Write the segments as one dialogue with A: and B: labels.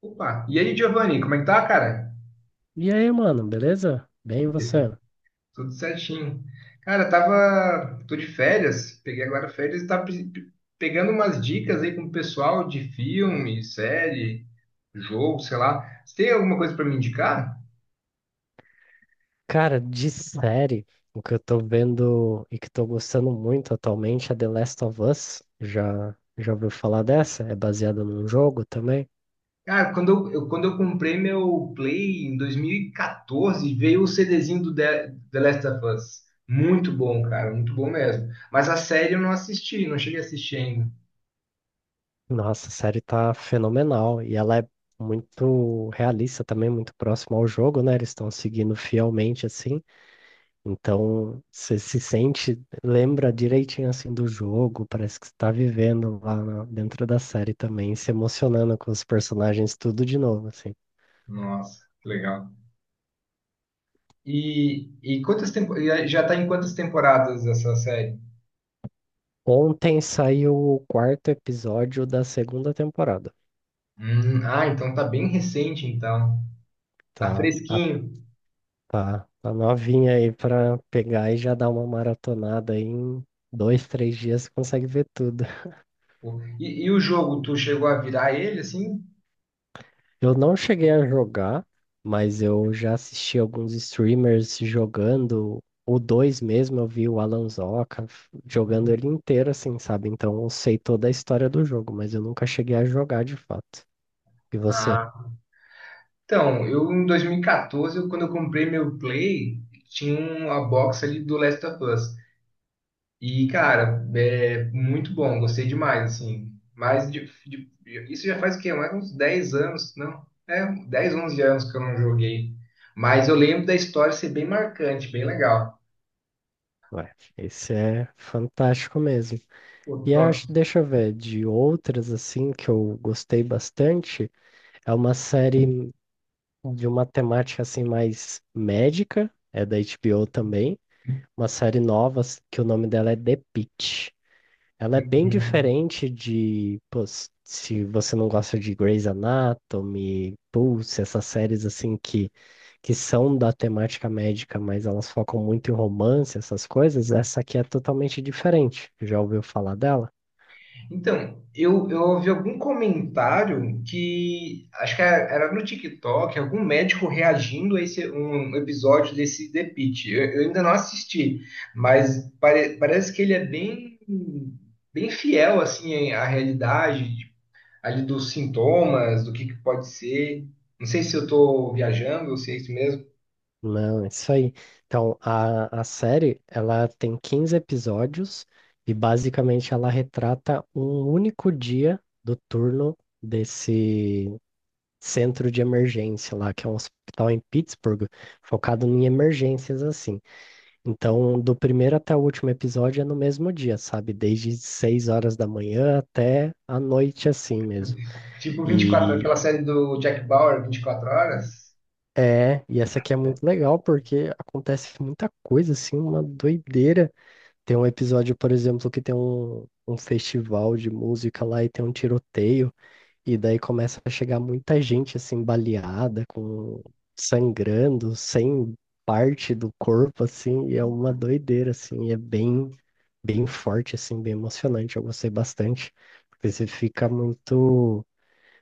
A: Opa, e aí, Giovanni, como é que tá, cara?
B: E aí, mano, beleza? Bem, e você?
A: Tudo certinho. Cara, tô de férias, peguei agora férias e tava pegando umas dicas aí com o pessoal de filme, série, jogo, sei lá. Você tem alguma coisa pra me indicar?
B: Cara, de série, o que eu tô vendo e que tô gostando muito atualmente é The Last of Us. Já ouviu falar dessa? É baseada num jogo também.
A: Cara, quando eu comprei meu Play em 2014, veio o CDzinho do The Last of Us. Muito bom, cara, muito bom mesmo. Mas a série eu não assisti, não cheguei a assistir ainda.
B: Nossa, a série tá fenomenal e ela é muito realista também, muito próxima ao jogo, né? Eles estão seguindo fielmente assim. Então, você se sente, lembra direitinho assim do jogo, parece que você tá vivendo dentro da série também, se emocionando com os personagens tudo de novo, assim.
A: Nossa, que legal. E já tá em quantas temporadas essa série?
B: Ontem saiu o quarto episódio da segunda temporada.
A: Ah, então tá bem recente, então. Tá
B: Tá, a-
A: fresquinho.
B: tá novinha aí pra pegar e já dar uma maratonada aí em dois, três dias, você consegue ver tudo.
A: Pô. E o jogo, tu chegou a virar ele assim?
B: Eu não cheguei a jogar, mas eu já assisti alguns streamers jogando. O 2 mesmo, eu vi o Alan jogando ele inteiro, assim, sabe? Então eu sei toda a história do jogo, mas eu nunca cheguei a jogar de fato. E você?
A: Ah, então, eu em 2014, quando eu comprei meu Play, tinha uma box ali do Last of Us. E, cara, é muito bom, gostei demais, assim. Isso já faz o quê? Mais uns 10 anos, não? É, 10 11 anos que eu não joguei. Mas eu lembro da história ser bem marcante, bem legal.
B: Ué, esse é fantástico mesmo.
A: Pô,
B: E
A: top.
B: acho, deixa eu ver, de outras, assim, que eu gostei bastante, é uma série de uma temática, assim, mais médica, é da HBO também. Uma que o nome dela é The Pitt. Ela é bem diferente de, pô, se você não gosta de Grey's Anatomy, Pulse, essas séries assim que são da temática médica, mas elas focam muito em romance, essas coisas. Essa aqui é totalmente diferente. Já ouviu falar dela?
A: Então, eu ouvi algum comentário que acho que era no TikTok, algum médico reagindo a um episódio desse The Pitt. Eu ainda não assisti, mas parece que ele é bem, bem fiel assim à realidade ali dos sintomas, do que pode ser. Não sei se eu tô viajando ou se é isso mesmo.
B: Não, é isso aí. Então, a série, ela tem 15 episódios e basicamente ela retrata um único dia do turno desse centro de emergência lá, que é um hospital em Pittsburgh, focado em emergências assim. Então, do primeiro até o último episódio é no mesmo dia, sabe? Desde 6 horas da manhã até a noite assim mesmo.
A: Tipo 24, aquela
B: E
A: série do Jack Bauer, 24 horas.
B: é, e essa aqui é muito legal porque acontece muita coisa assim, uma doideira. Tem um episódio, por exemplo, que tem um festival de música lá e tem um tiroteio. E daí começa a chegar muita gente assim baleada, com sangrando, sem parte do corpo assim, e é uma doideira assim, e é bem forte assim, bem emocionante. Eu gostei bastante, porque você fica muito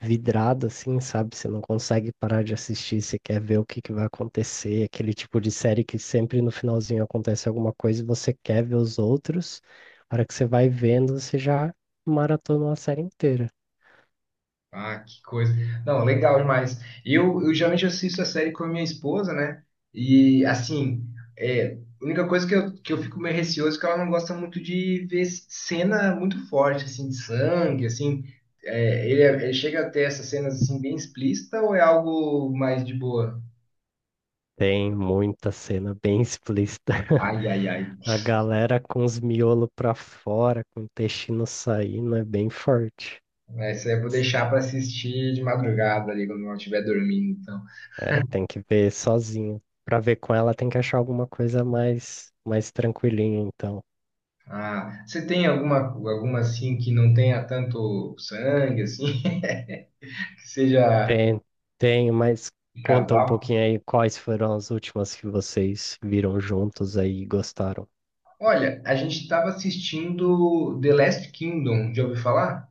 B: vidrado assim, sabe? Você não consegue parar de assistir, você quer ver o que que vai acontecer, aquele tipo de série que sempre no finalzinho acontece alguma coisa e você quer ver os outros. A hora que você vai vendo, você já maratona a série inteira.
A: Ah, que coisa. Não, legal demais. Eu geralmente assisto a série com a minha esposa, né? E, assim, é, a única coisa que eu fico meio receoso é que ela não gosta muito de ver cena muito forte, assim, de sangue, assim. É, ele chega a ter essas cenas, assim, bem explícita ou é algo mais de boa?
B: Tem muita cena bem explícita.
A: Ai, ai, ai.
B: A galera com os miolos pra fora, com o intestino saindo, é bem forte.
A: Essa eu vou deixar para assistir de madrugada ali, quando eu estiver dormindo, então.
B: É, tem que ver sozinho. Pra ver com ela, tem que achar alguma coisa mais tranquilinha, então.
A: Ah, você tem alguma, assim, que não tenha tanto sangue, assim? Que seja
B: Tem, tem, mas
A: um
B: conta um
A: casal.
B: pouquinho aí quais foram as últimas que vocês viram juntos aí e gostaram.
A: Olha, a gente estava assistindo The Last Kingdom, já ouviu falar?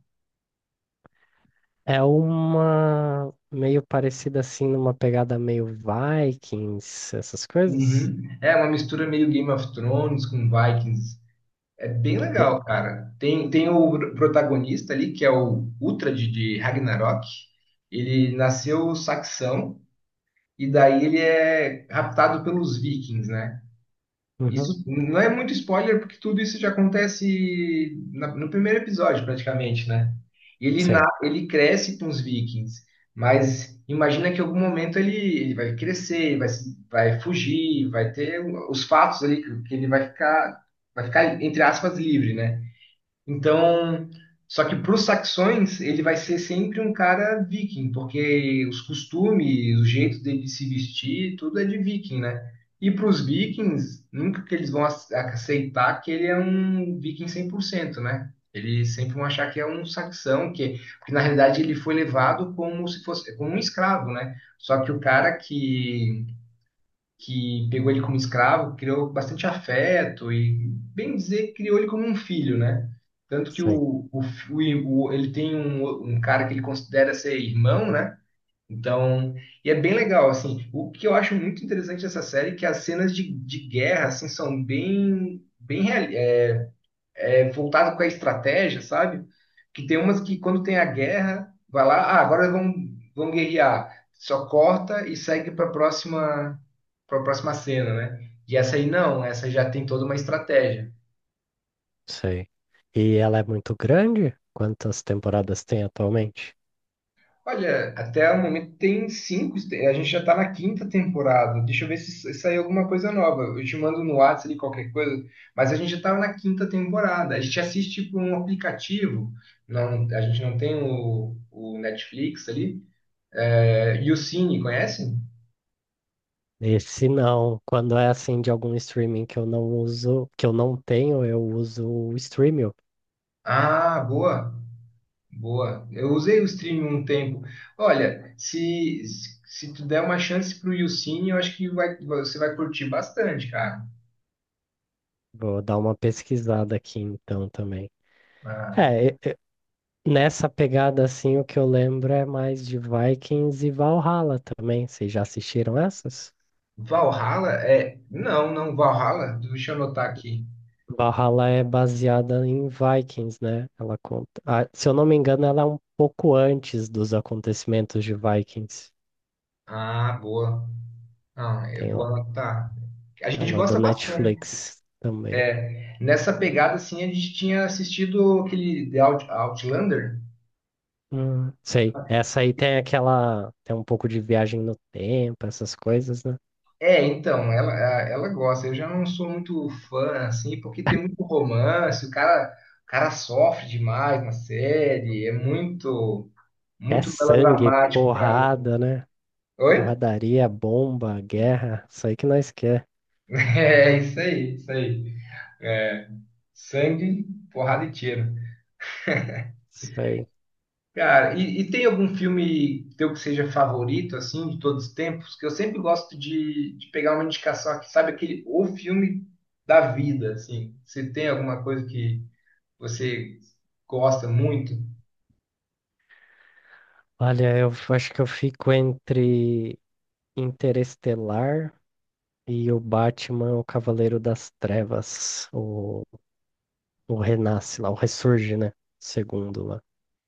B: É uma meio parecida assim, numa pegada meio Vikings, essas coisas?
A: Uhum. É uma mistura meio Game of Thrones com Vikings. É bem
B: Eu-
A: legal, cara. Tem o protagonista ali, que é o Uhtred de Ragnarok. Ele nasceu saxão e daí ele é raptado pelos vikings, né?
B: Uhum.
A: Isso não é muito spoiler, porque tudo isso já acontece no primeiro episódio, praticamente, né? Ele, na,
B: Sim.
A: ele cresce com os vikings, mas imagina que em algum momento ele, ele vai crescer, vai, se- vai fugir, vai ter os fatos ali que ele vai ficar, entre aspas, livre, né? Então, só que para os saxões, ele vai ser sempre um cara viking, porque os costumes, o jeito dele se vestir, tudo é de viking, né? E para os vikings, nunca que eles vão aceitar que ele é um viking 100%, né? Eles sempre vão achar que é um saxão, que, porque na realidade ele foi levado como se fosse como um escravo, né? Só que o cara que pegou ele como escravo, criou bastante afeto e, bem dizer, criou ele como um filho, né? Tanto que
B: Sim,
A: o ele tem um cara que ele considera ser irmão, né? Então, e é bem legal, assim. O que eu acho muito interessante dessa série é que as cenas de guerra, assim, são bem, bem real, é, voltado com a estratégia, sabe? Que tem umas que quando tem a guerra, vai lá, ah, agora vamos guerrear. Só corta e segue para próxima cena, né? E essa aí não, essa já tem toda uma estratégia.
B: sei. E ela é muito grande? Quantas temporadas tem atualmente?
A: Olha, até o momento tem cinco, a gente já tá na quinta temporada. Deixa eu ver se saiu alguma coisa nova. Eu te mando no WhatsApp ali qualquer coisa, mas a gente já tava na quinta temporada. A gente assiste por um aplicativo, não, a gente não tem o Netflix ali. É, e o Cine, conhecem?
B: E se não, quando é assim de algum streaming que eu não uso, que eu não tenho, eu uso o Streamio.
A: Ah, boa, boa. Eu usei o stream um tempo. Olha, se tu der uma chance pro Yucine, eu acho que vai, você vai curtir bastante, cara.
B: Vou dar uma pesquisada aqui então também.
A: Ah,
B: É, nessa pegada assim, o que eu lembro é mais de Vikings e Valhalla também. Vocês já assistiram essas?
A: Valhalla é. Não, não, Valhalla, deixa eu anotar aqui.
B: Valhalla é baseada em Vikings, né? Ela conta, ah, se eu não me engano, ela é um pouco antes dos acontecimentos de Vikings.
A: Ah, boa. Ah, eu
B: Tem
A: vou
B: lá.
A: anotar. A gente
B: Ela é da
A: gosta bastante.
B: Netflix também.
A: Nessa pegada, assim, a gente tinha assistido aquele Outlander.
B: Sei. Essa aí tem aquela. Tem um pouco de viagem no tempo, essas coisas, né?
A: É, então, ela, ela gosta. Eu já não sou muito fã, assim, porque tem muito romance, o cara sofre demais na série, é muito,
B: É
A: muito
B: sangue,
A: melodramático pra mim.
B: porrada, né?
A: Oi?
B: Porradaria, bomba, guerra. Isso aí que nós quer.
A: É, isso aí, isso aí. É, sangue, porrada e tiro.
B: Isso aí.
A: Cara, e tem algum filme teu que seja favorito, assim, de todos os tempos? Que eu sempre gosto de pegar uma indicação aqui, sabe, aquele, o filme da vida, assim. Você tem alguma coisa que você gosta muito?
B: Olha, acho que eu fico entre Interestelar e o Batman, é o Cavaleiro das Trevas, o renasce lá, o ressurge, né? Segundo lá,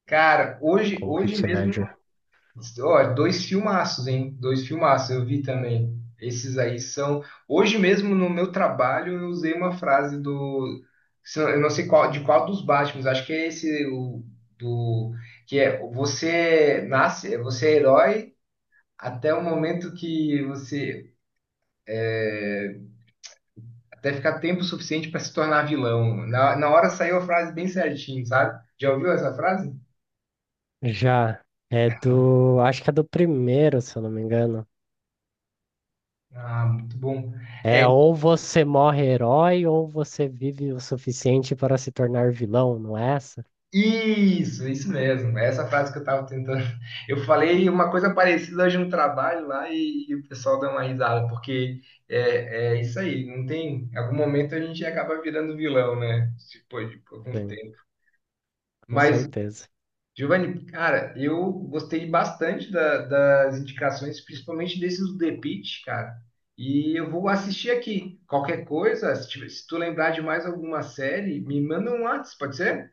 A: Cara, hoje,
B: com o
A: hoje
B: Heath
A: mesmo,
B: Ledger.
A: ó, dois filmaços, hein? Dois filmaços, eu vi também. Esses aí são. Hoje mesmo no meu trabalho eu usei uma frase do. Se Eu não sei qual, de qual dos Batmans, acho que é esse o, do. Que é você nasce, você é herói até o momento que você. É, até ficar tempo suficiente para se tornar vilão. Na, na hora saiu a frase bem certinho, sabe? Já ouviu essa frase?
B: Já é do, acho que é do primeiro, se eu não me engano.
A: Ah, muito bom.
B: É
A: É,
B: ou você morre herói ou você vive o suficiente para se tornar vilão, não é essa?
A: isso mesmo. É essa frase que eu estava tentando. Eu falei uma coisa parecida hoje no trabalho lá e o pessoal deu uma risada, porque é, é isso aí, não tem. Em algum momento a gente acaba virando vilão, né? Depois de algum
B: Sim,
A: tempo.
B: com
A: Mas,
B: certeza.
A: Giovanni, cara, eu gostei bastante das indicações, principalmente desses do The Pitt, cara. E eu vou assistir aqui. Qualquer coisa, se tu lembrar de mais alguma série, me manda um WhatsApp, pode ser?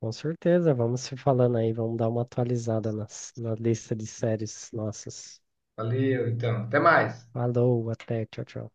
B: Com certeza, vamos se falando aí, vamos dar uma atualizada na lista de séries nossas.
A: Valeu, então. Até mais.
B: Falou, até, tchau, tchau.